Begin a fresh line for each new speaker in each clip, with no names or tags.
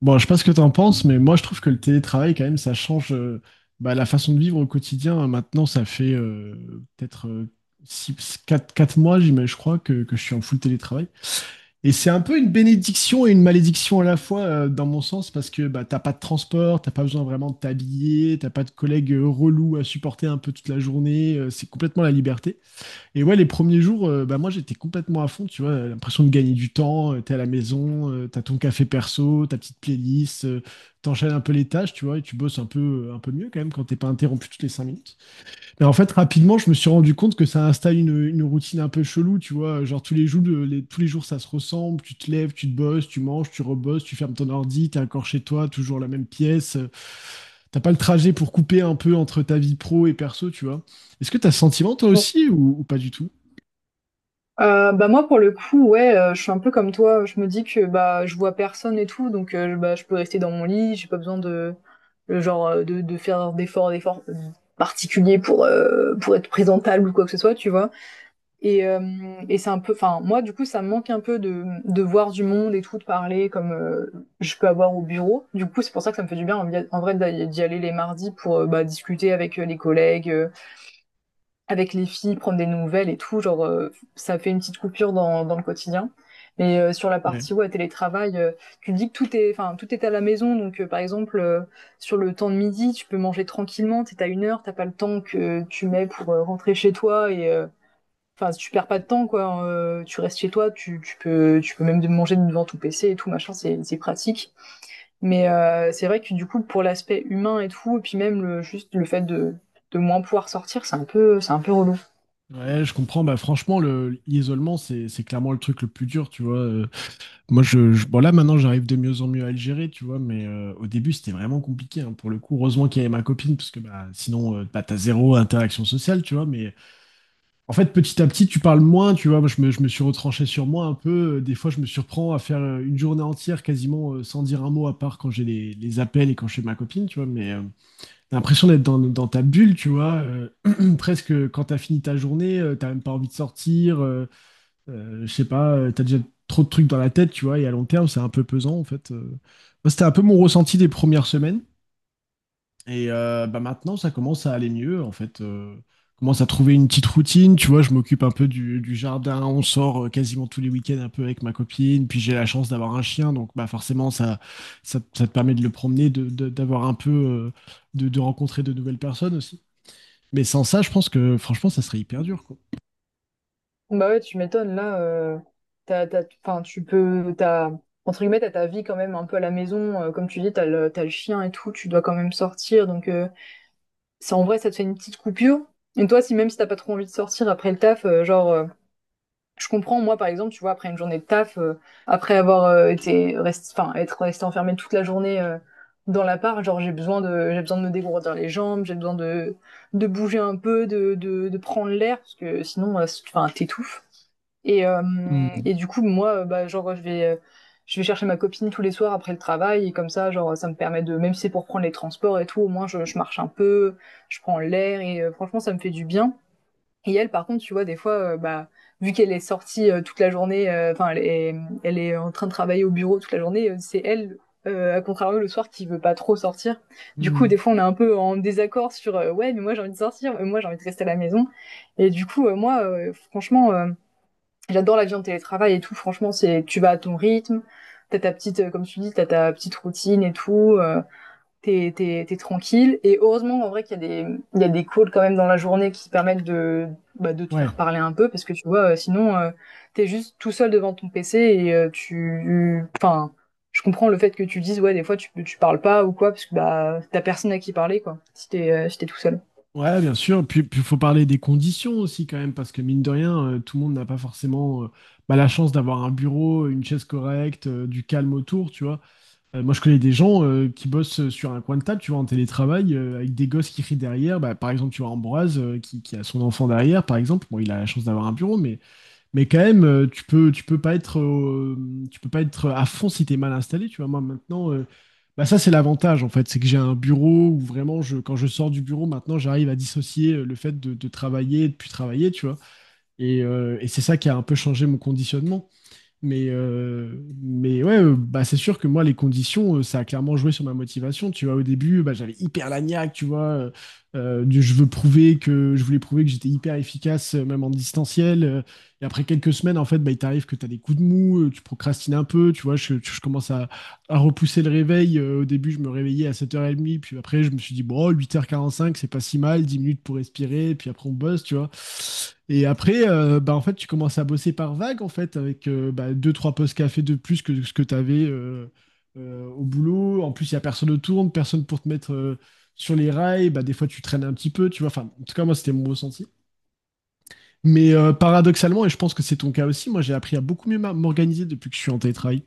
Bon, je sais pas ce que t'en penses, mais moi je trouve que le télétravail, quand même, ça change bah, la façon de vivre au quotidien. Maintenant, ça fait peut-être six, quatre mois, j'imagine, je crois, que je suis en full télétravail. Et c'est un peu une bénédiction et une malédiction à la fois, dans mon sens, parce que bah, t'as pas de transport, t'as pas besoin vraiment de t'habiller, t'as pas de collègues relous à supporter un peu toute la journée, c'est complètement la liberté. Et ouais, les premiers jours, bah moi j'étais complètement à fond, tu vois, l'impression de gagner du temps, t'es à la maison, t'as ton café perso, ta petite playlist, t'enchaînes un peu les tâches, tu vois, et tu bosses un peu mieux quand même quand t'es pas interrompu toutes les 5 minutes. Mais en fait, rapidement, je me suis rendu compte que ça installe une routine un peu chelou, tu vois, genre tous les jours ça se ressemble, tu te lèves, tu te bosses, tu manges, tu rebosses, tu fermes ton ordi, t'es encore chez toi, toujours la même pièce, t'as pas le trajet pour couper un peu entre ta vie pro et perso, tu vois. Est-ce que t'as ce sentiment toi
Bon,
aussi ou pas du tout?
euh, bah moi pour le coup ouais, je suis un peu comme toi. Je me dis que bah je vois personne et tout, donc bah je peux rester dans mon lit, j'ai pas besoin de le genre, de faire d'efforts particuliers pour être présentable ou quoi que ce soit, tu vois. Et euh, et c'est un peu, enfin moi du coup ça me manque un peu de voir du monde et tout, de parler comme je peux avoir au bureau. Du coup, c'est pour ça que ça me fait du bien en, en vrai d'y aller les mardis pour bah discuter avec les collègues, avec les filles, prendre des nouvelles et tout, ça fait une petite coupure dans, dans le quotidien. Mais sur la
Ouais.
partie, ouais, télétravail, tu te dis que tout est, enfin tout est à la maison. Donc par exemple, sur le temps de midi, tu peux manger tranquillement, t'es à une heure, t'as pas le temps que tu mets pour rentrer chez toi, et enfin si, tu perds pas de temps quoi, hein, tu restes chez toi, tu, tu peux même manger devant ton PC et tout machin, c'est pratique. Mais c'est vrai que du coup pour l'aspect humain et tout, et puis même le, juste le fait de moins pouvoir sortir, c'est un peu relou.
Ouais, je comprends. Bah, franchement, l'isolement, c'est clairement le truc le plus dur, tu vois. Bon, là, maintenant, j'arrive de mieux en mieux à le gérer, tu vois, mais au début, c'était vraiment compliqué, hein, pour le coup. Heureusement qu'il y avait ma copine, parce que bah, sinon, bah, t'as zéro interaction sociale, tu vois. Mais en fait, petit à petit, tu parles moins, tu vois. Moi, je me suis retranché sur moi un peu. Des fois, je me surprends à faire une journée entière quasiment sans dire un mot, à part quand j'ai les appels et quand je suis avec ma copine, tu vois. T'as l'impression d'être dans ta bulle, tu vois. Presque quand t'as fini ta journée, t'as même pas envie de sortir. Je sais pas, t'as déjà trop de trucs dans la tête, tu vois. Et à long terme, c'est un peu pesant, en fait. Moi, c'était un peu mon ressenti des premières semaines. Et bah maintenant, ça commence à aller mieux, en fait. Commence à trouver une petite routine. Tu vois, je m'occupe un peu du jardin. On sort quasiment tous les week-ends un peu avec ma copine. Puis j'ai la chance d'avoir un chien. Donc bah forcément, ça te permet de le promener, d'avoir un peu, de rencontrer de nouvelles personnes aussi. Mais sans ça, je pense que franchement, ça serait hyper dur, quoi.
Bah ouais, tu m'étonnes, là, t'as, t'as, enfin, tu peux, t'as, entre guillemets, t'as ta vie quand même un peu à la maison, comme tu dis, t'as le chien et tout, tu dois quand même sortir. Donc ça, en vrai, ça te fait une petite coupure. Et toi, si même si t'as pas trop envie de sortir après le taf, je comprends, moi, par exemple, tu vois, après une journée de taf, après avoir enfin, être resté enfermé toute la journée dans l'appart, genre, j'ai besoin de me dégourdir les jambes, j'ai besoin de bouger un peu, de prendre l'air, parce que sinon, enfin, t'étouffes. Et, euh,
Mhm.
et du coup, moi, bah, genre, je vais chercher ma copine tous les soirs après le travail, et comme ça, genre, ça me permet de, même si c'est pour prendre les transports et tout, au moins, je marche un peu, je prends l'air, et franchement, ça me fait du bien. Et elle, par contre, tu vois, des fois, bah, vu qu'elle est sortie toute la journée, enfin, elle est en train de travailler au bureau toute la journée, c'est elle, à contrario, le soir, qui veut pas trop sortir. Du coup,
Mhm.
des fois, on est un peu en désaccord sur, ouais, mais moi, j'ai envie de sortir, mais moi, j'ai envie de rester à la maison. Et du coup, j'adore la vie en télétravail et tout. Franchement, c'est, tu vas à ton rythme, t'as ta petite, comme tu dis, t'as ta petite routine et tout. T'es tranquille. Et heureusement, en vrai, qu'il y a des, il y a des calls quand même dans la journée qui permettent de bah, de te
Ouais.
faire parler un peu, parce que tu vois, sinon t'es juste tout seul devant ton PC, et enfin, je comprends le fait que tu dises ouais, des fois tu parles pas ou quoi, parce que bah t'as personne à qui parler, quoi. Si t'es, si t'es tout seul.
Ouais, bien sûr. Puis il faut parler des conditions aussi quand même, parce que mine de rien, tout le monde n'a pas forcément bah, la chance d'avoir un bureau, une chaise correcte, du calme autour, tu vois. Moi, je connais des gens qui bossent sur un coin de table, tu vois, en télétravail, avec des gosses qui crient derrière. Bah, par exemple, tu vois Ambroise, qui a son enfant derrière, par exemple. Bon, il a la chance d'avoir un bureau, mais quand même, tu peux pas être à fond si t'es mal installé. Tu vois, moi maintenant, bah ça c'est l'avantage en fait, c'est que j'ai un bureau où vraiment, quand je sors du bureau, maintenant j'arrive à dissocier le fait de travailler et de plus travailler, tu vois. Et c'est ça qui a un peu changé mon conditionnement. Mais, euh, mais ouais, bah, c'est sûr que moi, les conditions, ça a clairement joué sur ma motivation. Tu vois, au début, bah, j'avais hyper la niaque, tu vois. Du, je veux prouver que, je voulais prouver que j'étais hyper efficace, même en distanciel. Et après quelques semaines, en fait, bah, il t'arrive que tu as des coups de mou, tu procrastines un peu, tu vois. Je commence à repousser le réveil. Au début, je me réveillais à 7h30, puis après, je me suis dit, bon, 8h45 c'est pas si mal, 10 minutes pour respirer, puis après, on bosse, tu vois. Et après, bah, en fait, tu commences à bosser par vague, en fait, avec bah, deux, trois postes café de plus que ce que tu avais au boulot. En plus, il n'y a personne autour, personne pour te mettre sur les rails. Bah, des fois, tu traînes un petit peu, tu vois. Enfin, en tout cas, moi, c'était mon ressenti. Mais paradoxalement, et je pense que c'est ton cas aussi, moi, j'ai appris à beaucoup mieux m'organiser depuis que je suis en télétravail.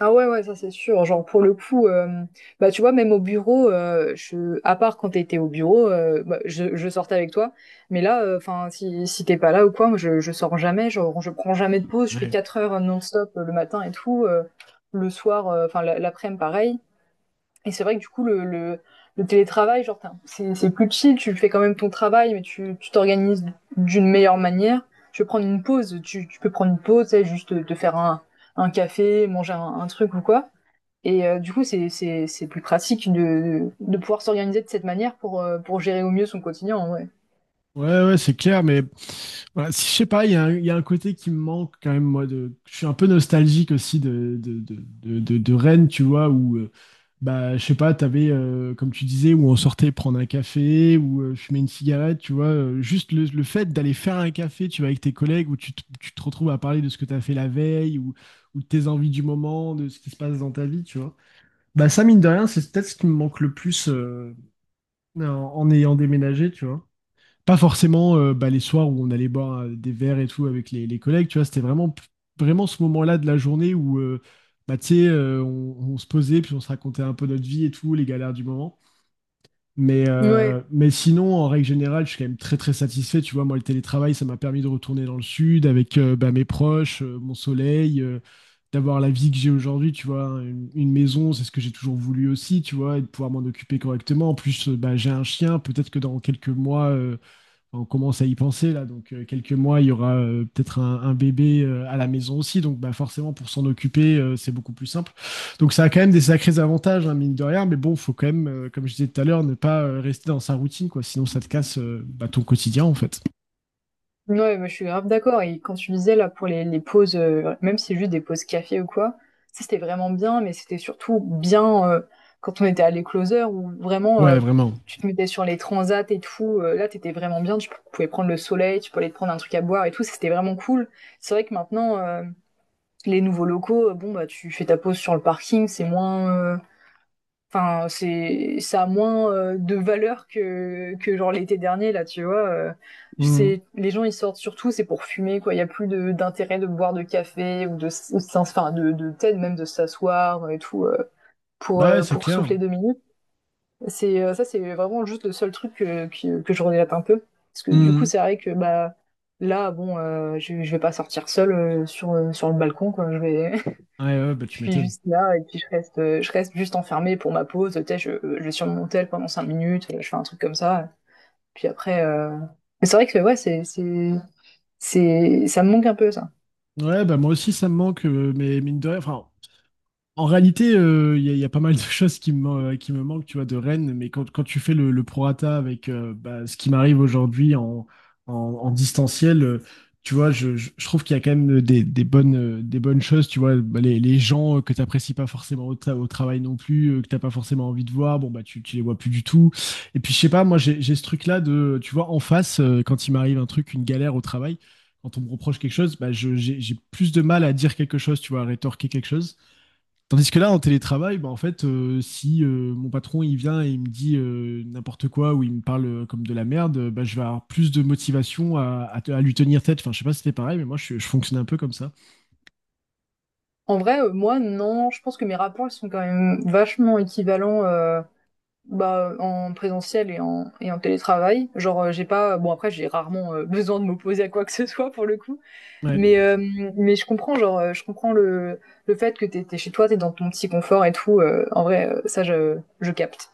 Ah ouais, ouais, ça c'est sûr. Genre pour le coup, bah tu vois, même au bureau, je, à part quand t'étais au bureau, bah, je sortais avec toi. Mais là, enfin, si, si t'es pas là ou quoi, moi je sors jamais, genre je prends jamais de pause, je fais
Ouais.
4 heures non-stop le matin et tout, le soir, l'après-midi pareil. Et c'est vrai que du coup, le télétravail, genre t'as, c'est plus chill, tu fais quand même ton travail, mais tu t'organises d'une meilleure manière. Tu peux prendre une pause, tu sais, juste te faire un café, manger un truc ou quoi. Et du coup, c'est plus pratique de pouvoir s'organiser de cette manière pour gérer au mieux son quotidien, en vrai.
Ouais, ouais, c'est clair, mais voilà, si, je sais pas, il y a un côté qui me manque quand même, moi. Je suis un peu nostalgique aussi de Rennes, tu vois, où, bah, je sais pas, t'avais, comme tu disais, où on sortait prendre un café, ou fumer une cigarette, tu vois. Juste le fait d'aller faire un café, tu vois, avec tes collègues, où tu te retrouves à parler de ce que t'as fait la veille, ou de tes envies du moment, de ce qui se passe dans ta vie, tu vois. Bah, ça, mine de rien, c'est peut-être ce qui me manque le plus en ayant déménagé, tu vois pas forcément bah, les soirs où on allait boire des verres et tout avec les collègues, tu vois, c'était vraiment, vraiment ce moment-là de la journée où, bah, tu sais, on se posait, puis on se racontait un peu notre vie et tout, les galères du moment. Mais, euh,
Ouais,
mais sinon, en règle générale, je suis quand même très, très satisfait. Tu vois, moi, le télétravail, ça m'a permis de retourner dans le sud avec bah, mes proches, mon soleil, d'avoir la vie que j'ai aujourd'hui, tu vois, hein, une maison, c'est ce que j'ai toujours voulu aussi, tu vois, et de pouvoir m'en occuper correctement. En plus, bah, j'ai un chien, peut-être que dans quelques mois on commence à y penser là. Donc quelques mois, il y aura peut-être un bébé à la maison aussi. Donc bah, forcément, pour s'en occuper, c'est beaucoup plus simple. Donc ça a quand même des sacrés avantages, hein, mine de rien. Mais bon, faut quand même, comme je disais tout à l'heure, ne pas rester dans sa routine, quoi. Sinon, ça te casse bah, ton quotidien, en fait.
ouais, bah, je suis grave d'accord. Et quand tu disais, là, pour les pauses, même si c'est juste des pauses café ou quoi, ça, c'était vraiment bien, mais c'était surtout bien quand on était à l'écloseur, où vraiment,
Ouais, vraiment.
tu te mettais sur les transats et tout. Là, t'étais vraiment bien. Tu pouvais prendre le soleil, tu pouvais aller te prendre un truc à boire et tout. C'était vraiment cool. C'est vrai que maintenant, les nouveaux locaux, bon, bah, tu fais ta pause sur le parking, c'est moins, enfin, c'est, ça a moins de valeur que genre l'été dernier, là, tu vois.
Mhm.
C'est, les gens, ils sortent surtout, c'est pour fumer, quoi. Il n'y a plus de, d'intérêt de boire de café ou de, ou enfin, de peut-être même de s'asseoir et tout,
Ouais, c'est
pour
clair.
souffler deux minutes. Ça, c'est vraiment juste le seul truc que je regrette un peu. Parce que du coup,
Mhm.
c'est vrai que, bah, là, bon, je vais pas sortir seule sur, sur le balcon, quoi.
Ouais, ouais, bah,
Je
tu
suis
m'étonnes.
juste là et puis je reste juste enfermée pour ma pause. Tu sais, je suis sur mon tel pendant 5 minutes, je fais un truc comme ça. Puis après, euh, mais c'est vrai que ouais, c'est, ça me manque un peu ça.
Ouais, bah moi aussi ça me manque, mais mine de rien, enfin, en réalité, il y a pas mal de choses qui me, qui me manquent, tu vois, de Rennes, mais quand tu fais le prorata avec bah, ce qui m'arrive aujourd'hui en, en distanciel, tu vois, je trouve qu'il y a quand même des bonnes choses, tu vois, bah, les gens que tu n'apprécies pas forcément au travail non plus, que tu n'as pas forcément envie de voir, bon, bah, tu les vois plus du tout. Et puis, je sais pas, moi, j'ai ce truc-là de, tu vois, en face, quand il m'arrive un truc, une galère au travail, quand on me reproche quelque chose, bah, j'ai plus de mal à dire quelque chose, tu vois, à rétorquer quelque chose. Tandis que là, en télétravail, bah, en fait, si mon patron il vient et il me dit n'importe quoi ou il me parle comme de la merde, bah, je vais avoir plus de motivation à lui tenir tête. Enfin, je sais pas si c'était pareil, mais moi, je fonctionnais un peu comme ça.
En vrai, moi non, je pense que mes rapports ils sont quand même vachement équivalents bah, en présentiel et en télétravail. Genre, j'ai pas, bon après j'ai rarement besoin de m'opposer à quoi que ce soit pour le coup.
Ouais.
Mais, euh, mais je comprends, je comprends le fait que t'es, t'es chez toi, t'es dans ton petit confort et tout. En vrai, ça, je capte.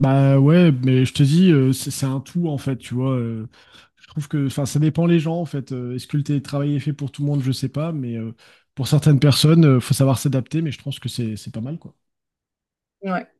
Bah ouais, mais je te dis, c'est un tout en fait, tu vois. Je trouve que, enfin, ça dépend les gens en fait. Est-ce que le télétravail est fait pour tout le monde? Je sais pas, mais pour certaines personnes, faut savoir s'adapter. Mais je pense que c'est pas mal, quoi.
Ouais.